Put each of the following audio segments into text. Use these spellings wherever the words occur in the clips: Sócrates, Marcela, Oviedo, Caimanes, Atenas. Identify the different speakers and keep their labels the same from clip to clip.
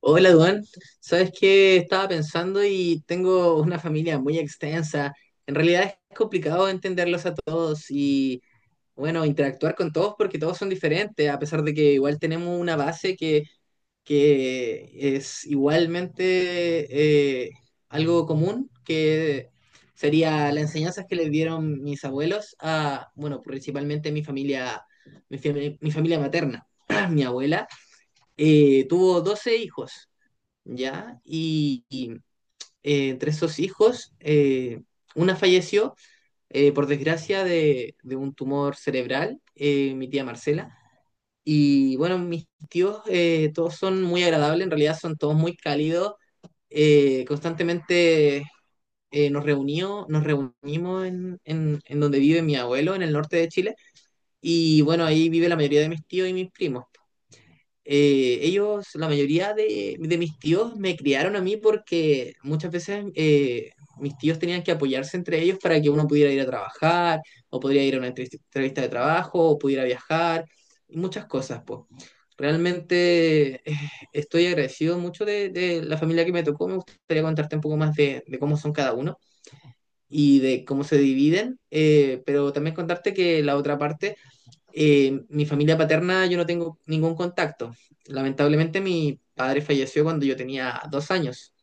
Speaker 1: Hola, Duan. Sabes que estaba pensando y tengo una familia muy extensa. En realidad es complicado entenderlos a todos y, bueno, interactuar con todos porque todos son diferentes, a pesar de que igual tenemos una base que es igualmente algo común, que sería las enseñanzas que les dieron mis abuelos a, bueno, principalmente mi familia, mi familia materna. Mi abuela tuvo 12 hijos. ¿Ya? Y entre esos hijos, una falleció, por desgracia, de un tumor cerebral, mi tía Marcela. Y bueno, mis tíos todos son muy agradables, en realidad son todos muy cálidos. Constantemente nos reunimos en donde vive mi abuelo, en el norte de Chile. Y bueno, ahí vive la mayoría de mis tíos y mis primos. Ellos, la mayoría de mis tíos, me criaron a mí porque muchas veces mis tíos tenían que apoyarse entre ellos para que uno pudiera ir a trabajar, o podría ir a una entrevista de trabajo, o pudiera viajar, y muchas cosas, pues. Realmente estoy agradecido mucho de la familia que me tocó. Me gustaría contarte un poco más de cómo son cada uno y de cómo se dividen, pero también contarte que la otra parte, mi familia paterna, yo no tengo ningún contacto. Lamentablemente mi padre falleció cuando yo tenía 2 años.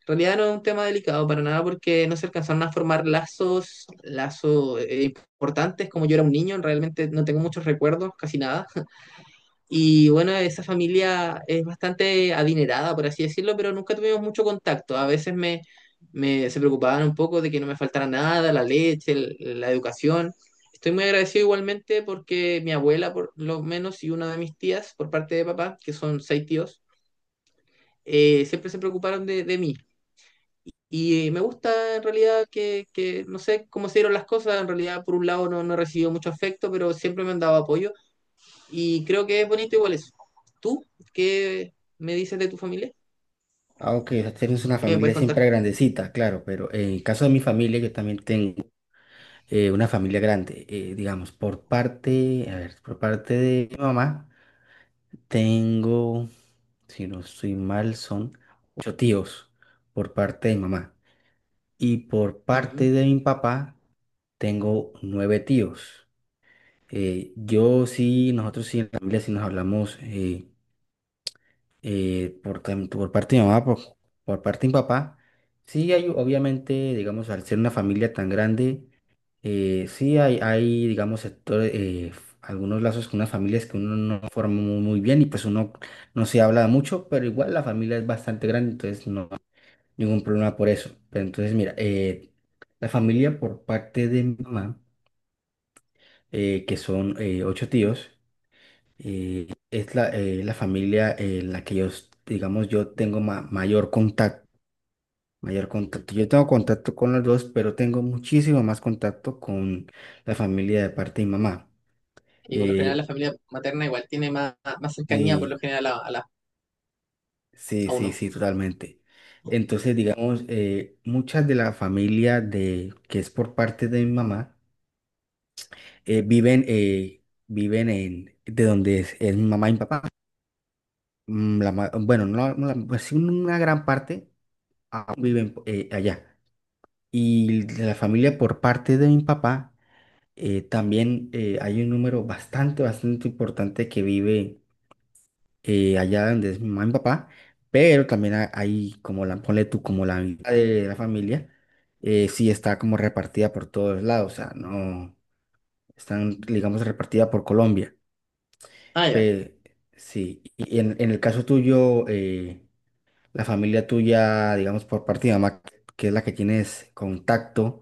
Speaker 1: En realidad no es un tema delicado para nada porque no se alcanzaron a formar lazos importantes. Como yo era un niño, realmente no tengo muchos recuerdos, casi nada. Y bueno, esa familia es bastante adinerada, por así decirlo, pero nunca tuvimos mucho contacto. A veces me se preocupaban un poco de que no me faltara nada, la leche, la educación. Estoy muy agradecido igualmente porque mi abuela, por lo menos, y una de mis tías, por parte de papá, que son seis tíos, siempre se preocuparon de mí. Y me gusta en realidad que, no sé cómo se dieron las cosas. En realidad, por un lado no he recibido mucho afecto, pero siempre me han dado apoyo, y creo que es bonito igual eso. ¿Tú qué me dices de tu familia?
Speaker 2: Aunque tenemos una
Speaker 1: ¿Qué me
Speaker 2: familia
Speaker 1: puedes
Speaker 2: siempre
Speaker 1: contar?
Speaker 2: grandecita, claro, pero en el caso de mi familia, yo también tengo una familia grande. Digamos, por parte, a ver, por parte de mi mamá, tengo, si no estoy mal, son ocho tíos por parte de mi mamá. Y por parte
Speaker 1: Ujú.
Speaker 2: de mi papá, tengo nueve tíos. Yo sí, nosotros sí, en la familia sí nos hablamos. Por, por parte de mi mamá, por parte de mi papá, sí hay, obviamente, digamos, al ser una familia tan grande, sí hay, digamos, sectores, algunos lazos con unas familias que uno no forma muy, muy bien y pues uno no se habla mucho, pero igual la familia es bastante grande, entonces no hay ningún problema por eso. Pero entonces, mira, la familia por parte de mi mamá, que son ocho tíos, es la familia en la que digamos, yo tengo mayor contacto, mayor contacto. Yo tengo contacto con los dos, pero tengo muchísimo más contacto con la familia de parte de mi mamá.
Speaker 1: Y por lo general
Speaker 2: Eh,
Speaker 1: la familia materna igual tiene más, más cercanía por lo
Speaker 2: sí,
Speaker 1: general a
Speaker 2: sí,
Speaker 1: a
Speaker 2: sí,
Speaker 1: uno.
Speaker 2: sí, totalmente. Entonces, digamos, muchas de la familia de, que es por parte de mi mamá, eh, viven, eh, viven en, de donde es mi mamá y mi papá. Mm, bueno, no, no la- pues sí, una gran parte. Viven allá. Y de la familia por parte de mi papá, también hay un número bastante, bastante importante que vive allá donde es mi mamá y mi papá, pero también hay como la, ponle tú, como la mitad de la familia, sí está como repartida por todos lados, o sea, no, están, digamos, repartida por Colombia.
Speaker 1: Ah, ya.
Speaker 2: Pe- sí, y en el caso tuyo, la familia tuya, digamos, por parte de mamá, que es la que tienes contacto,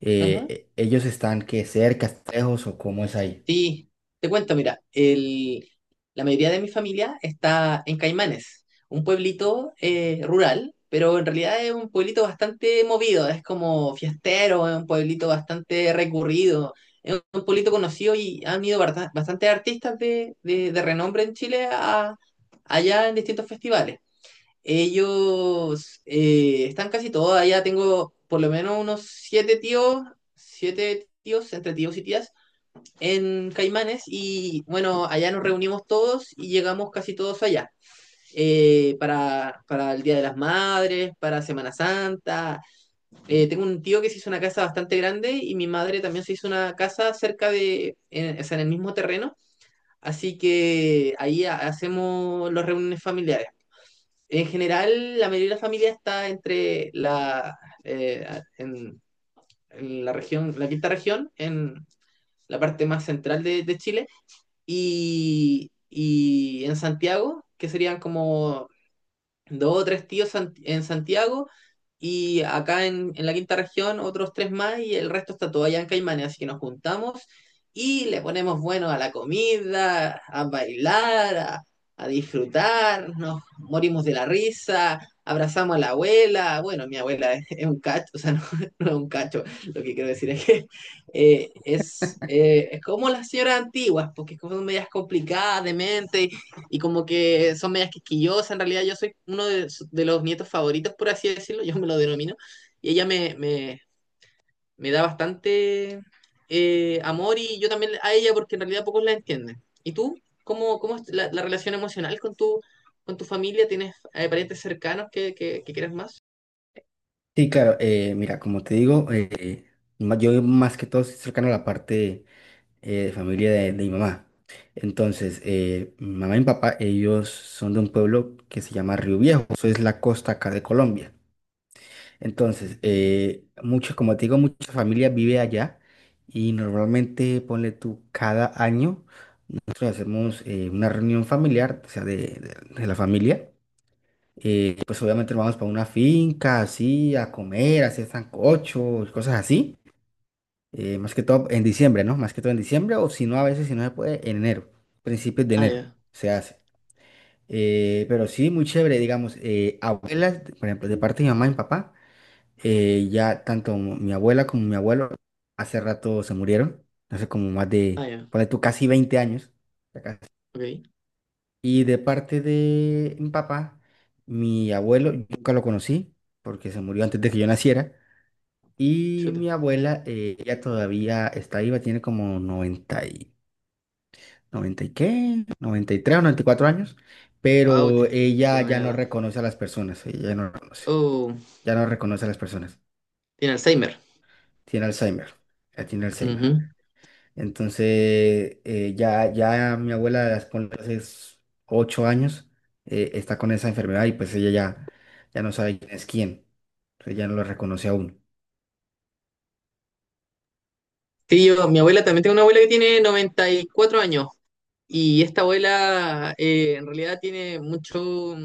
Speaker 1: Ajá.
Speaker 2: ellos están que cerca, lejos o cómo es ahí.
Speaker 1: Sí, te cuento, mira, la mayoría de mi familia está en Caimanes, un pueblito rural, pero en realidad es un pueblito bastante movido, es como fiestero, es un pueblito bastante recurrido, es un pueblito conocido, y han ido bastantes artistas de renombre en Chile allá, en distintos festivales. Ellos están casi todos allá. Tengo por lo menos unos siete tíos, entre tíos y tías en Caimanes, y bueno, allá nos reunimos todos y llegamos casi todos allá. Para el Día de las Madres, para Semana Santa. Tengo un tío que se hizo una casa bastante grande, y mi madre también se hizo una casa cerca de, en, o sea, en el mismo terreno. Así que ahí hacemos las reuniones familiares. En general, la mayoría de la familia está entre eh, en, en la región, la quinta región, en la parte más central de Chile, y en Santiago, que serían como dos o tres tíos en Santiago, y acá en, la quinta región, otros tres más, y el resto está todo allá en Caimanes. Así que nos juntamos y le ponemos bueno a la comida, a bailar, a disfrutar, nos morimos de la risa, abrazamos a la abuela. Bueno, mi abuela es un cacho. O sea, no, no es un cacho, lo que quiero decir es que es como las señoras antiguas, porque son medias complicadas de mente y como que son medias quisquillosas. En realidad, yo soy uno de los nietos favoritos, por así decirlo, yo me lo denomino, y ella me da bastante amor, y yo también a ella, porque en realidad pocos la entienden. ¿Y tú? ¿Cómo es la relación emocional con tu familia? ¿Tienes parientes cercanos que quieras más?
Speaker 2: Sí, claro, mira, como te digo, yo más que todo estoy cercano a la parte de familia de mi mamá. Entonces, mi mamá y mi papá, ellos son de un pueblo que se llama Río Viejo, eso es la costa acá de Colombia. Entonces, mucho, como te digo, mucha familia vive allá y normalmente, ponle tú, cada año nosotros hacemos una reunión familiar, o sea, de la familia. Pues obviamente nos vamos para una finca, así, a comer, a hacer sancocho, cosas así. Más que todo en diciembre, ¿no? Más que todo en diciembre, o si no, a veces, si no se puede, en enero, principios de
Speaker 1: Ah,
Speaker 2: enero
Speaker 1: ya.
Speaker 2: se hace. Pero sí, muy chévere, digamos, abuelas, por ejemplo, de parte de mi mamá y mi papá, ya tanto mi abuela como mi abuelo hace rato se murieron, hace como más
Speaker 1: Ah,
Speaker 2: de,
Speaker 1: ya.
Speaker 2: ponle tú, casi 20 años,
Speaker 1: Ok.
Speaker 2: y de parte de mi papá, mi abuelo, yo nunca lo conocí porque se murió antes de que yo naciera. Y
Speaker 1: Chuta.
Speaker 2: mi abuela, ella todavía está viva, tiene como 90 y, 90 y qué, 93 o 94 años,
Speaker 1: Wow,
Speaker 2: pero
Speaker 1: tiene,
Speaker 2: ella
Speaker 1: tiene
Speaker 2: ya
Speaker 1: buena
Speaker 2: no
Speaker 1: edad.
Speaker 2: reconoce a las personas, ella no reconoce,
Speaker 1: Oh,
Speaker 2: ya no reconoce a las personas.
Speaker 1: tiene Alzheimer.
Speaker 2: Tiene Alzheimer, ya tiene Alzheimer.
Speaker 1: Ujú.
Speaker 2: Entonces, ya mi abuela, ponle, 8 años, está con esa enfermedad y pues ella ya, ya no sabe quién es quién. Entonces ya no lo reconoce aún.
Speaker 1: Sí, mi abuela también, tengo una abuela que tiene 94 años. Y esta abuela en realidad tiene mucho,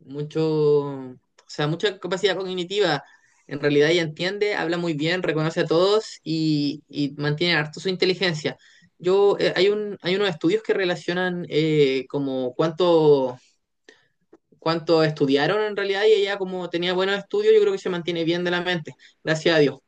Speaker 1: mucho, o sea, mucha capacidad cognitiva. En realidad, ella entiende, habla muy bien, reconoce a todos, y mantiene harto su inteligencia. Hay unos estudios que relacionan como cuánto, estudiaron en realidad, y ella, como tenía buenos estudios, yo creo que se mantiene bien de la mente, gracias a Dios.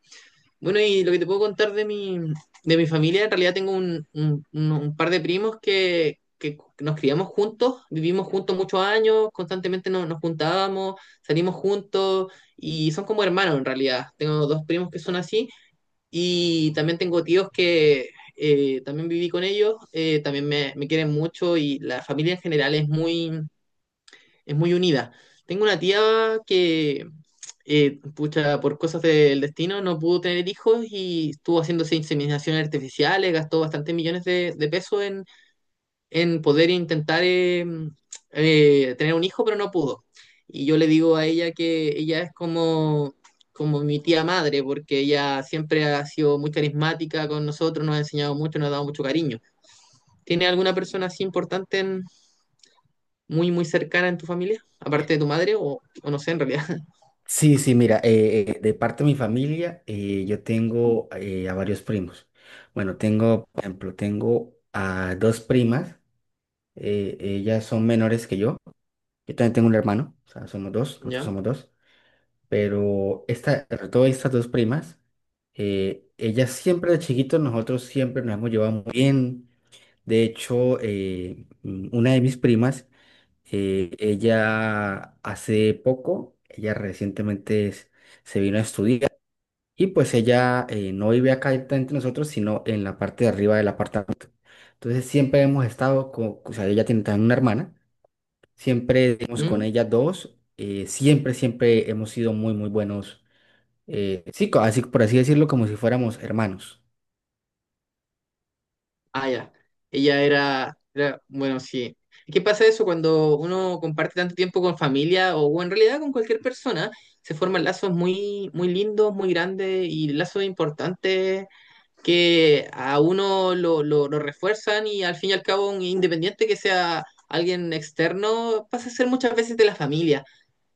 Speaker 1: Bueno, y lo que te puedo contar de mi familia: en realidad tengo un par de primos que nos criamos juntos, vivimos juntos muchos años, constantemente nos juntábamos, salimos juntos, y son como hermanos en realidad. Tengo dos primos que son así, y también tengo tíos que también viví con ellos, también me quieren mucho, y la familia en general es muy, unida. Tengo una tía que, pucha, por cosas del destino no pudo tener hijos, y estuvo haciéndose inseminaciones artificiales, gastó bastantes millones de pesos en poder intentar tener un hijo, pero no pudo. Y yo le digo a ella que ella es como mi tía madre, porque ella siempre ha sido muy carismática con nosotros, nos ha enseñado mucho, nos ha dado mucho cariño. ¿Tiene alguna persona así importante muy, muy cercana en tu familia, aparte de tu madre, o no sé, en realidad?
Speaker 2: Sí, sí, mira, de parte de mi familia, yo tengo a varios primos. Bueno, tengo, por ejemplo, tengo a dos primas, ellas son menores que yo. Yo también tengo un hermano, o sea, somos dos, nosotros
Speaker 1: ¿Ya?
Speaker 2: somos dos. Pero esta, sobre todo estas dos primas, ellas siempre de chiquitos, nosotros siempre nos hemos llevado muy bien. De hecho, una de mis primas, ella hace poco, ella recientemente se vino a estudiar y pues ella no vive acá directamente nosotros, sino en la parte de arriba del apartamento. Entonces siempre hemos estado con, o sea, ella tiene también una hermana, siempre hemos con
Speaker 1: ¿Mm?
Speaker 2: ella dos, siempre, siempre hemos sido muy, muy buenos así, por así decirlo, como si fuéramos hermanos.
Speaker 1: Ah, ya. Ella era, bueno, sí. ¿Qué pasa eso cuando uno comparte tanto tiempo con familia o en realidad con cualquier persona? Se forman lazos muy, muy lindos, muy grandes, y lazos importantes que a uno lo refuerzan, y al fin y al cabo, un independiente que sea alguien externo, pasa a ser muchas veces de la familia.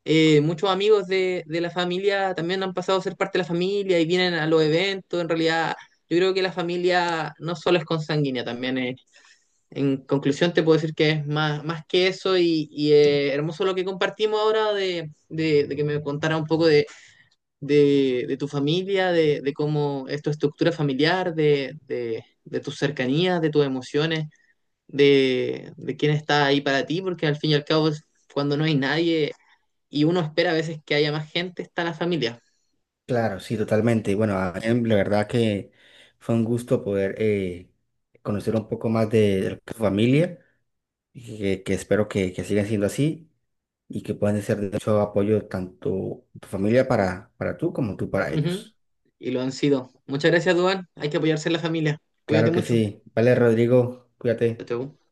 Speaker 1: Muchos amigos de la familia también han pasado a ser parte de la familia y vienen a los eventos. En realidad, yo creo que la familia no solo es consanguínea, también en conclusión te puedo decir que es más, más que eso. Y hermoso lo que compartimos ahora, de que me contara un poco de tu familia, de cómo es tu estructura familiar, de tus cercanías, de tus emociones, de quién está ahí para ti, porque al fin y al cabo cuando no hay nadie, y uno espera a veces que haya más gente, está la familia.
Speaker 2: Claro, sí, totalmente. Bueno, la verdad que fue un gusto poder conocer un poco más de tu familia, y que espero que sigan siendo así y que puedan ser de mucho apoyo tanto tu familia para tú como tú para
Speaker 1: Ujú.
Speaker 2: ellos.
Speaker 1: Y lo han sido. Muchas gracias, Duan. Hay que apoyarse en la familia.
Speaker 2: Claro
Speaker 1: Cuídate
Speaker 2: que
Speaker 1: mucho.
Speaker 2: sí. Vale, Rodrigo,
Speaker 1: Chao,
Speaker 2: cuídate.
Speaker 1: chao.